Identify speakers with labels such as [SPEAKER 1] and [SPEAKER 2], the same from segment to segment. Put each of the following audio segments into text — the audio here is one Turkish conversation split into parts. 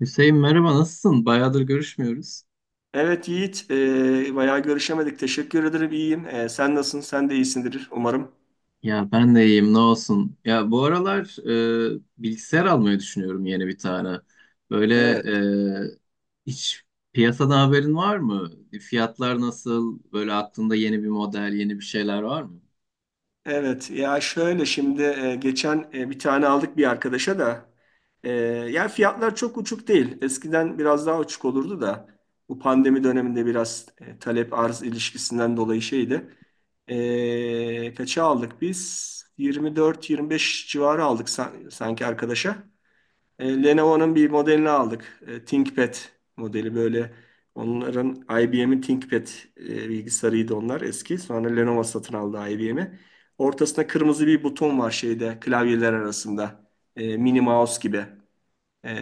[SPEAKER 1] Hüseyin merhaba nasılsın? Bayağıdır görüşmüyoruz.
[SPEAKER 2] Evet Yiğit, bayağı görüşemedik. Teşekkür ederim, iyiyim. Sen nasılsın? Sen de iyisindir umarım.
[SPEAKER 1] Ya ben de iyiyim ne olsun. Ya bu aralar bilgisayar almayı düşünüyorum yeni bir tane. Böyle
[SPEAKER 2] Evet,
[SPEAKER 1] hiç piyasadan haberin var mı? Fiyatlar nasıl? Böyle aklında yeni bir model, yeni bir şeyler var mı?
[SPEAKER 2] evet. Ya şöyle şimdi geçen bir tane aldık bir arkadaşa da. E, ya fiyatlar çok uçuk değil. Eskiden biraz daha uçuk olurdu da. Bu pandemi döneminde biraz talep arz ilişkisinden dolayı şeydi. Kaça aldık biz? 24-25 civarı aldık sanki arkadaşa. Lenovo'nun bir modelini aldık. ThinkPad modeli böyle. Onların IBM'in ThinkPad bilgisayarıydı onlar eski. Sonra Lenovo satın aldı IBM'i. Ortasında kırmızı bir buton var şeyde klavyeler arasında. Mini mouse gibi. E,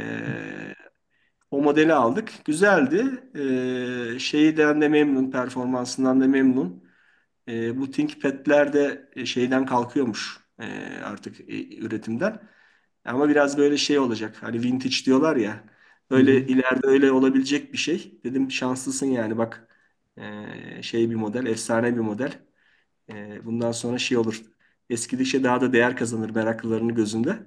[SPEAKER 2] o modeli aldık. Güzeldi. Şeyden de memnun, performansından da memnun. Bu ThinkPad'ler de şeyden kalkıyormuş artık üretimden. Ama biraz böyle şey olacak. Hani vintage diyorlar ya. Öyle ileride öyle olabilecek bir şey. Dedim şanslısın yani bak. Şey bir model, efsane bir model. Bundan sonra şey olur. Eskidikçe daha da değer kazanır meraklılarının gözünde.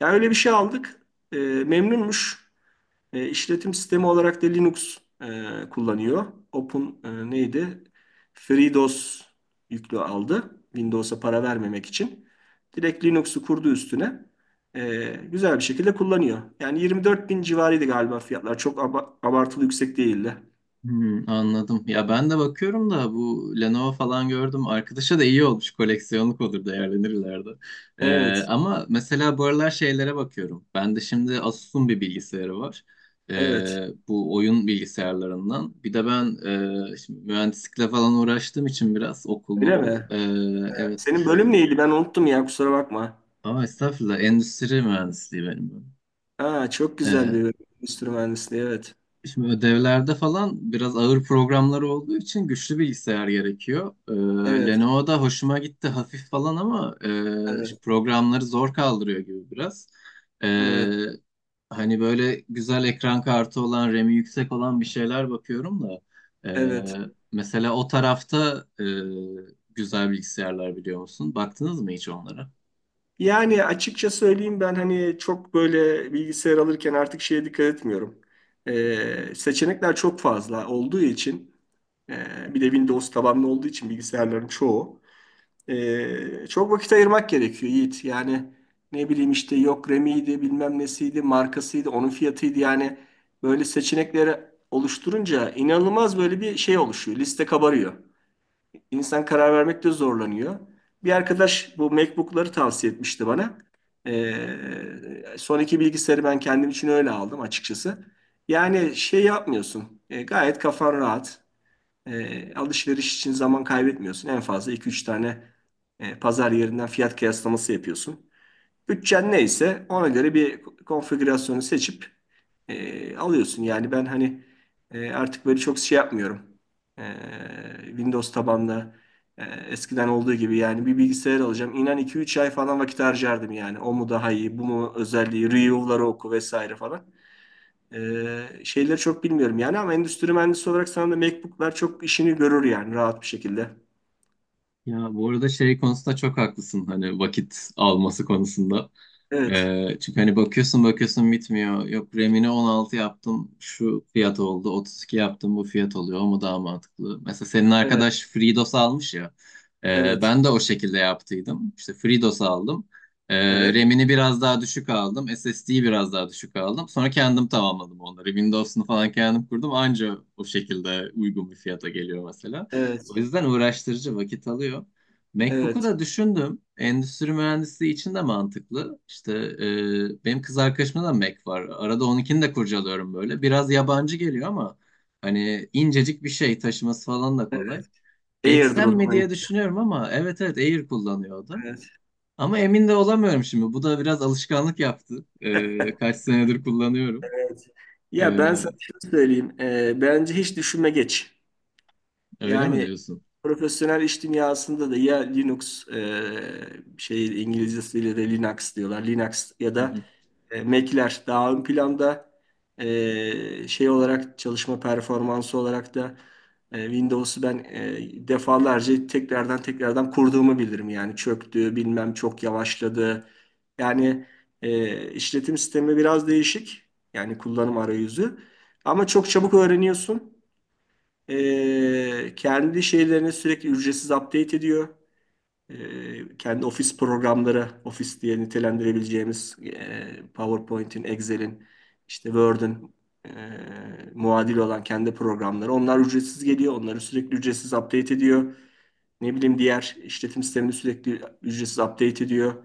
[SPEAKER 2] Ya öyle bir şey aldık. Memnunmuş. E, işletim sistemi olarak da Linux kullanıyor. Open neydi? FreeDOS yüklü aldı. Windows'a para vermemek için. Direkt Linux'u kurdu üstüne. Güzel bir şekilde kullanıyor. Yani 24 bin civarıydı galiba fiyatlar. Çok abartılı yüksek değildi.
[SPEAKER 1] Anladım. Ya ben de bakıyorum da bu Lenovo falan gördüm. Arkadaşa da iyi olmuş. Koleksiyonluk olur değerlenir ileride. Ee,
[SPEAKER 2] Evet,
[SPEAKER 1] ama mesela bu aralar şeylere bakıyorum. Ben de şimdi Asus'un bir bilgisayarı var.
[SPEAKER 2] evet.
[SPEAKER 1] Bu oyun bilgisayarlarından. Bir de ben şimdi mühendislikle falan uğraştığım için biraz okul
[SPEAKER 2] Öyle
[SPEAKER 1] mokul.
[SPEAKER 2] mi?
[SPEAKER 1] Evet.
[SPEAKER 2] Senin bölüm neydi? Ben unuttum ya kusura bakma.
[SPEAKER 1] Ama estağfurullah endüstri mühendisliği benim.
[SPEAKER 2] Aa, çok güzel bir bölüm. Endüstri mühendisliği, evet.
[SPEAKER 1] Şimdi ödevlerde falan biraz ağır programlar olduğu için güçlü bilgisayar gerekiyor.
[SPEAKER 2] Evet,
[SPEAKER 1] Lenovo'da hoşuma gitti hafif falan ama
[SPEAKER 2] evet,
[SPEAKER 1] programları zor kaldırıyor gibi biraz. Ee,
[SPEAKER 2] evet,
[SPEAKER 1] hani böyle güzel ekran kartı olan, RAM'i yüksek olan bir şeyler bakıyorum da. e,
[SPEAKER 2] evet.
[SPEAKER 1] mesela o tarafta güzel bilgisayarlar biliyor musun? Baktınız mı hiç onlara?
[SPEAKER 2] Yani açıkça söyleyeyim ben hani çok böyle bilgisayar alırken artık şeye dikkat etmiyorum. Seçenekler çok fazla olduğu için e, bir de Windows tabanlı olduğu için bilgisayarların çoğu çok vakit ayırmak gerekiyor Yiğit. Yani ne bileyim işte yok RAM'iydi bilmem nesiydi markasıydı onun fiyatıydı yani böyle seçenekleri oluşturunca inanılmaz böyle bir şey oluşuyor liste kabarıyor. İnsan karar vermekte zorlanıyor. Bir arkadaş bu MacBook'ları tavsiye etmişti bana. Ee, son iki bilgisayarı ben kendim için öyle aldım açıkçası. Yani şey yapmıyorsun. Gayet kafan rahat. Alışveriş için zaman kaybetmiyorsun. En fazla iki üç tane pazar yerinden fiyat kıyaslaması yapıyorsun. Bütçen neyse ona göre bir konfigürasyonu seçip alıyorsun. Yani ben hani artık böyle çok şey yapmıyorum. E, Windows tabanlı eskiden olduğu gibi yani bir bilgisayar alacağım. İnan iki üç ay falan vakit harcardım yani. O mu daha iyi, bu mu özelliği, review'ları oku vesaire falan. Şeyleri çok bilmiyorum yani ama endüstri mühendisi olarak sana da MacBook'lar çok işini görür yani rahat bir şekilde.
[SPEAKER 1] Ya bu arada şey konusunda çok haklısın hani vakit alması konusunda.
[SPEAKER 2] Evet,
[SPEAKER 1] Çünkü hani bakıyorsun bakıyorsun bitmiyor. Yok RAM'ini 16 yaptım şu fiyat oldu. 32 yaptım bu fiyat oluyor. O mu daha mantıklı? Mesela senin
[SPEAKER 2] evet,
[SPEAKER 1] arkadaş FreeDOS almış ya. Ee,
[SPEAKER 2] evet,
[SPEAKER 1] ben de o şekilde yaptıydım. İşte FreeDOS aldım.
[SPEAKER 2] evet,
[SPEAKER 1] RAM'ini biraz daha düşük aldım. SSD'yi biraz daha düşük aldım. Sonra kendim tamamladım onları. Windows'unu falan kendim kurdum. Anca o şekilde uygun bir fiyata geliyor mesela. O
[SPEAKER 2] evet,
[SPEAKER 1] yüzden uğraştırıcı vakit alıyor. MacBook'u
[SPEAKER 2] evet.
[SPEAKER 1] da düşündüm. Endüstri mühendisliği için de mantıklı. İşte benim kız arkadaşımda da Mac var. Arada onunkini de kurcalıyorum böyle. Biraz yabancı geliyor ama hani incecik bir şey taşıması falan da kolay.
[SPEAKER 2] Air'dır o
[SPEAKER 1] Geçsem mi
[SPEAKER 2] zaman.
[SPEAKER 1] diye düşünüyorum ama evet evet Air kullanıyordu.
[SPEAKER 2] Evet.
[SPEAKER 1] Ama emin de olamıyorum şimdi. Bu da biraz alışkanlık yaptı. Kaç senedir kullanıyorum.
[SPEAKER 2] Evet.
[SPEAKER 1] E,
[SPEAKER 2] Ya ben sana şunu söyleyeyim. Bence hiç düşünme geç.
[SPEAKER 1] öyle mi
[SPEAKER 2] Yani
[SPEAKER 1] diyorsun?
[SPEAKER 2] profesyonel iş dünyasında da ya Linux şey İngilizcesiyle de Linux diyorlar. Linux ya
[SPEAKER 1] Hı
[SPEAKER 2] da Mac'ler daha ön planda. Şey olarak çalışma performansı olarak da Windows'u ben defalarca tekrardan tekrardan kurduğumu bilirim. Yani çöktü, bilmem çok yavaşladı. Yani işletim sistemi biraz değişik. Yani kullanım arayüzü. Ama çok çabuk öğreniyorsun. Kendi şeylerini sürekli ücretsiz update ediyor kendi ofis programları, ofis diye nitelendirebileceğimiz PowerPoint'in, Excel'in, işte Word'ün e, muadili olan kendi programları. Onlar ücretsiz geliyor. Onları sürekli ücretsiz update ediyor. Ne bileyim diğer işletim sistemini sürekli ücretsiz update ediyor.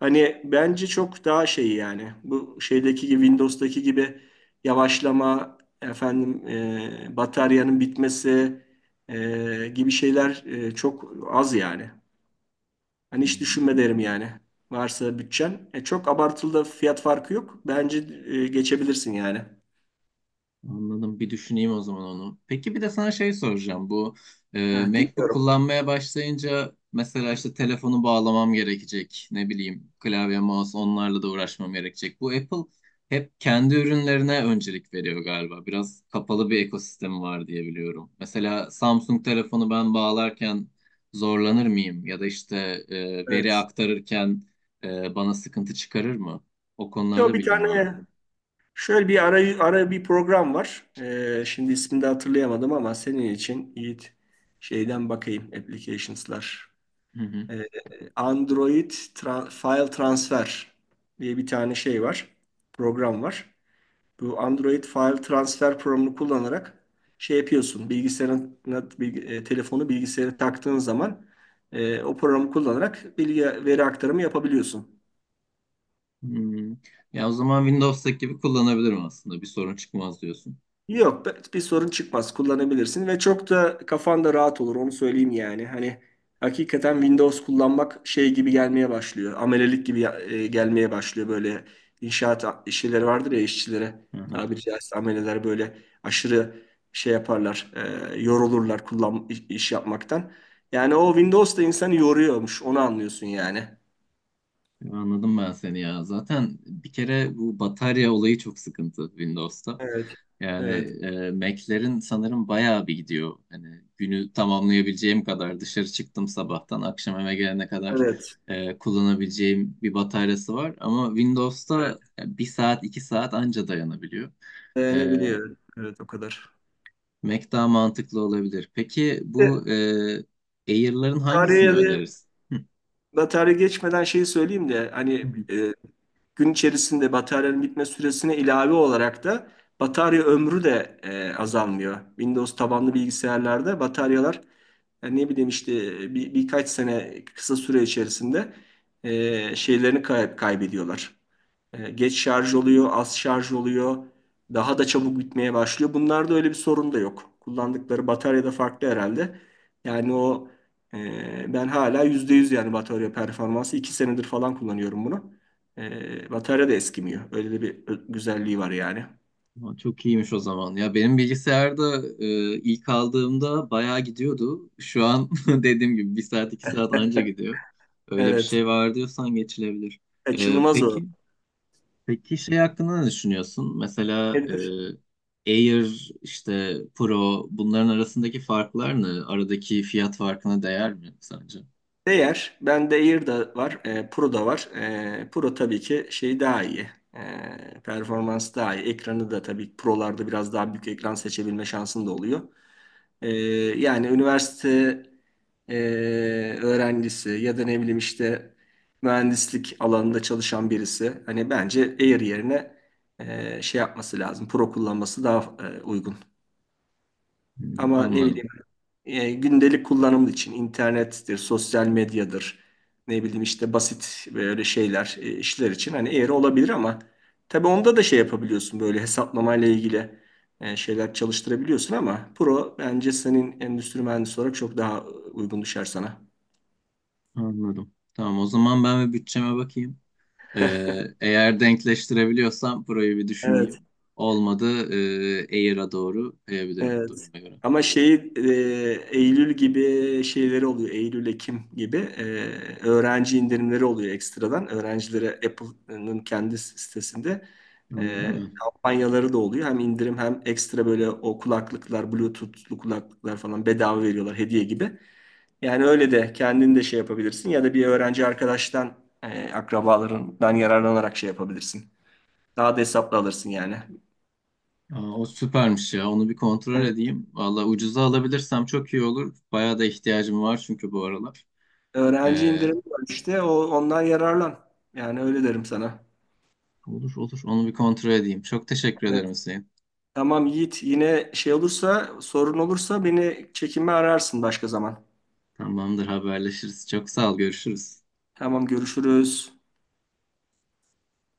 [SPEAKER 2] Hani bence çok daha şey yani bu şeydeki gibi Windows'daki gibi yavaşlama efendim bataryanın bitmesi gibi şeyler çok az yani. Hani
[SPEAKER 1] hı.
[SPEAKER 2] hiç düşünme derim yani. Varsa bütçen. Çok abartılı da fiyat farkı yok. Bence geçebilirsin yani.
[SPEAKER 1] Anladım. Bir düşüneyim o zaman onu. Peki bir de sana şey soracağım. Bu
[SPEAKER 2] Heh,
[SPEAKER 1] MacBook
[SPEAKER 2] dinliyorum.
[SPEAKER 1] kullanmaya başlayınca mesela işte telefonu bağlamam gerekecek. Ne bileyim klavye, mouse onlarla da uğraşmam gerekecek. Bu Apple hep kendi ürünlerine öncelik veriyor galiba. Biraz kapalı bir ekosistemi var diye biliyorum. Mesela Samsung telefonu ben bağlarken zorlanır mıyım? Ya da işte veri
[SPEAKER 2] Evet.
[SPEAKER 1] aktarırken bana sıkıntı çıkarır mı? O
[SPEAKER 2] Yo,
[SPEAKER 1] konularda
[SPEAKER 2] bir
[SPEAKER 1] bilgin var
[SPEAKER 2] tane
[SPEAKER 1] mı?
[SPEAKER 2] şöyle bir ara bir program var. Şimdi ismini de hatırlayamadım ama senin için Yiğit şeyden bakayım. Applications'lar. E, Android File Transfer diye bir tane şey var. Program var. Bu Android File Transfer programını kullanarak şey yapıyorsun. Bilgisayarına, telefonu bilgisayara taktığın zaman o programı kullanarak bilgi veri aktarımı yapabiliyorsun.
[SPEAKER 1] Hmm. Ya o zaman Windows'taki gibi kullanabilirim aslında. Bir sorun çıkmaz diyorsun.
[SPEAKER 2] Yok bir sorun çıkmaz kullanabilirsin ve çok da kafan da rahat olur onu söyleyeyim yani. Hani hakikaten Windows kullanmak şey gibi gelmeye başlıyor. Amelelik gibi gelmeye başlıyor böyle inşaat işçileri vardır ya işçilere
[SPEAKER 1] Aha.
[SPEAKER 2] tabiri caizse ameleler böyle aşırı şey yaparlar yorulurlar kullan iş yapmaktan. Yani o Windows da insanı yoruyormuş onu anlıyorsun yani.
[SPEAKER 1] Ya anladım ben seni ya. Zaten bir kere bu batarya olayı çok sıkıntı Windows'ta.
[SPEAKER 2] Evet.
[SPEAKER 1] Yani
[SPEAKER 2] Evet.
[SPEAKER 1] Mac'lerin sanırım bayağı bir gidiyor. Hani günü tamamlayabileceğim kadar dışarı çıktım sabahtan akşam eve gelene kadar
[SPEAKER 2] Evet.
[SPEAKER 1] kullanabileceğim bir bataryası var. Ama
[SPEAKER 2] Evet.
[SPEAKER 1] Windows'ta bir saat iki saat anca dayanabiliyor. E,
[SPEAKER 2] Dayanabiliyor. Evet o kadar.
[SPEAKER 1] Mac daha mantıklı olabilir. Peki
[SPEAKER 2] E,
[SPEAKER 1] bu Air'ların hangisini
[SPEAKER 2] Tarihe de
[SPEAKER 1] önerirsin? Hı,
[SPEAKER 2] batarya geçmeden şeyi söyleyeyim de
[SPEAKER 1] hı,
[SPEAKER 2] hani
[SPEAKER 1] hı.
[SPEAKER 2] gün içerisinde bataryanın bitme süresine ilave olarak da batarya ömrü de azalmıyor. Windows tabanlı bilgisayarlarda bataryalar yani ne bileyim işte bir, birkaç sene kısa süre içerisinde şeylerini kaybediyorlar. Geç şarj oluyor, az şarj oluyor, daha da çabuk bitmeye başlıyor. Bunlarda öyle bir sorun da yok. Kullandıkları batarya da farklı herhalde. Yani o ben hala %100 yani batarya performansı 2 senedir falan kullanıyorum bunu. Batarya da eskimiyor. Öyle de bir güzelliği var yani.
[SPEAKER 1] Aa, çok iyiymiş o zaman. Ya benim bilgisayarda ilk aldığımda bayağı gidiyordu. Şu an dediğim gibi bir saat iki saat anca gidiyor. Öyle bir
[SPEAKER 2] Evet.
[SPEAKER 1] şey var diyorsan geçilebilir. E,
[SPEAKER 2] Kaçınılmaz o.
[SPEAKER 1] peki peki şey hakkında ne düşünüyorsun? Mesela Air işte Pro bunların arasındaki farklar ne? Aradaki fiyat farkına değer mi sence?
[SPEAKER 2] Değer, bende Air da var, Pro da var. Pro tabii ki şey daha iyi, performans daha iyi. Ekranı da tabii Pro'larda biraz daha büyük ekran seçebilme şansın da oluyor. E, yani üniversite e, öğrencisi ya da ne bileyim işte mühendislik alanında çalışan birisi. Hani bence Air yerine şey yapması lazım, Pro kullanması daha uygun.
[SPEAKER 1] Hmm,
[SPEAKER 2] Ama ne
[SPEAKER 1] Anladım.
[SPEAKER 2] bileyim gündelik kullanım için internettir, sosyal medyadır, ne bileyim işte basit böyle şeyler, işler için hani eğri olabilir ama tabii onda da şey yapabiliyorsun böyle hesaplamayla ilgili şeyler çalıştırabiliyorsun ama Pro bence senin endüstri mühendisi olarak çok daha uygun düşer sana.
[SPEAKER 1] Anladım. Tamam o zaman ben bir bütçeme bakayım. Eğer denkleştirebiliyorsam burayı bir
[SPEAKER 2] Evet.
[SPEAKER 1] düşüneyim. Olmadı Air'a doğru kayabilirim
[SPEAKER 2] Evet.
[SPEAKER 1] duruma göre.
[SPEAKER 2] Ama şeyi Eylül gibi şeyleri oluyor. Eylül, Ekim gibi öğrenci indirimleri oluyor ekstradan. Öğrencilere Apple'ın kendi sitesinde
[SPEAKER 1] Öyle mi?
[SPEAKER 2] kampanyaları da oluyor. Hem indirim hem ekstra böyle o kulaklıklar, Bluetooth'lu kulaklıklar falan bedava veriyorlar hediye gibi. Yani öyle de kendin de şey yapabilirsin ya da bir öğrenci arkadaştan, akrabalarından yararlanarak şey yapabilirsin. Daha da hesaplı alırsın yani.
[SPEAKER 1] Aa, o süpermiş ya. Onu bir kontrol
[SPEAKER 2] E,
[SPEAKER 1] edeyim. Valla ucuza alabilirsem çok iyi olur. Bayağı da ihtiyacım var çünkü bu aralar.
[SPEAKER 2] Öğrenci
[SPEAKER 1] Ee,
[SPEAKER 2] indirimi var işte. Ondan yararlan. Yani öyle derim sana.
[SPEAKER 1] olur olur. Onu bir kontrol edeyim. Çok teşekkür ederim
[SPEAKER 2] Evet.
[SPEAKER 1] Hüseyin.
[SPEAKER 2] Tamam Yiğit. Yine şey olursa, sorun olursa beni çekinme ararsın başka zaman.
[SPEAKER 1] Tamamdır haberleşiriz. Çok sağ ol. Görüşürüz.
[SPEAKER 2] Tamam görüşürüz.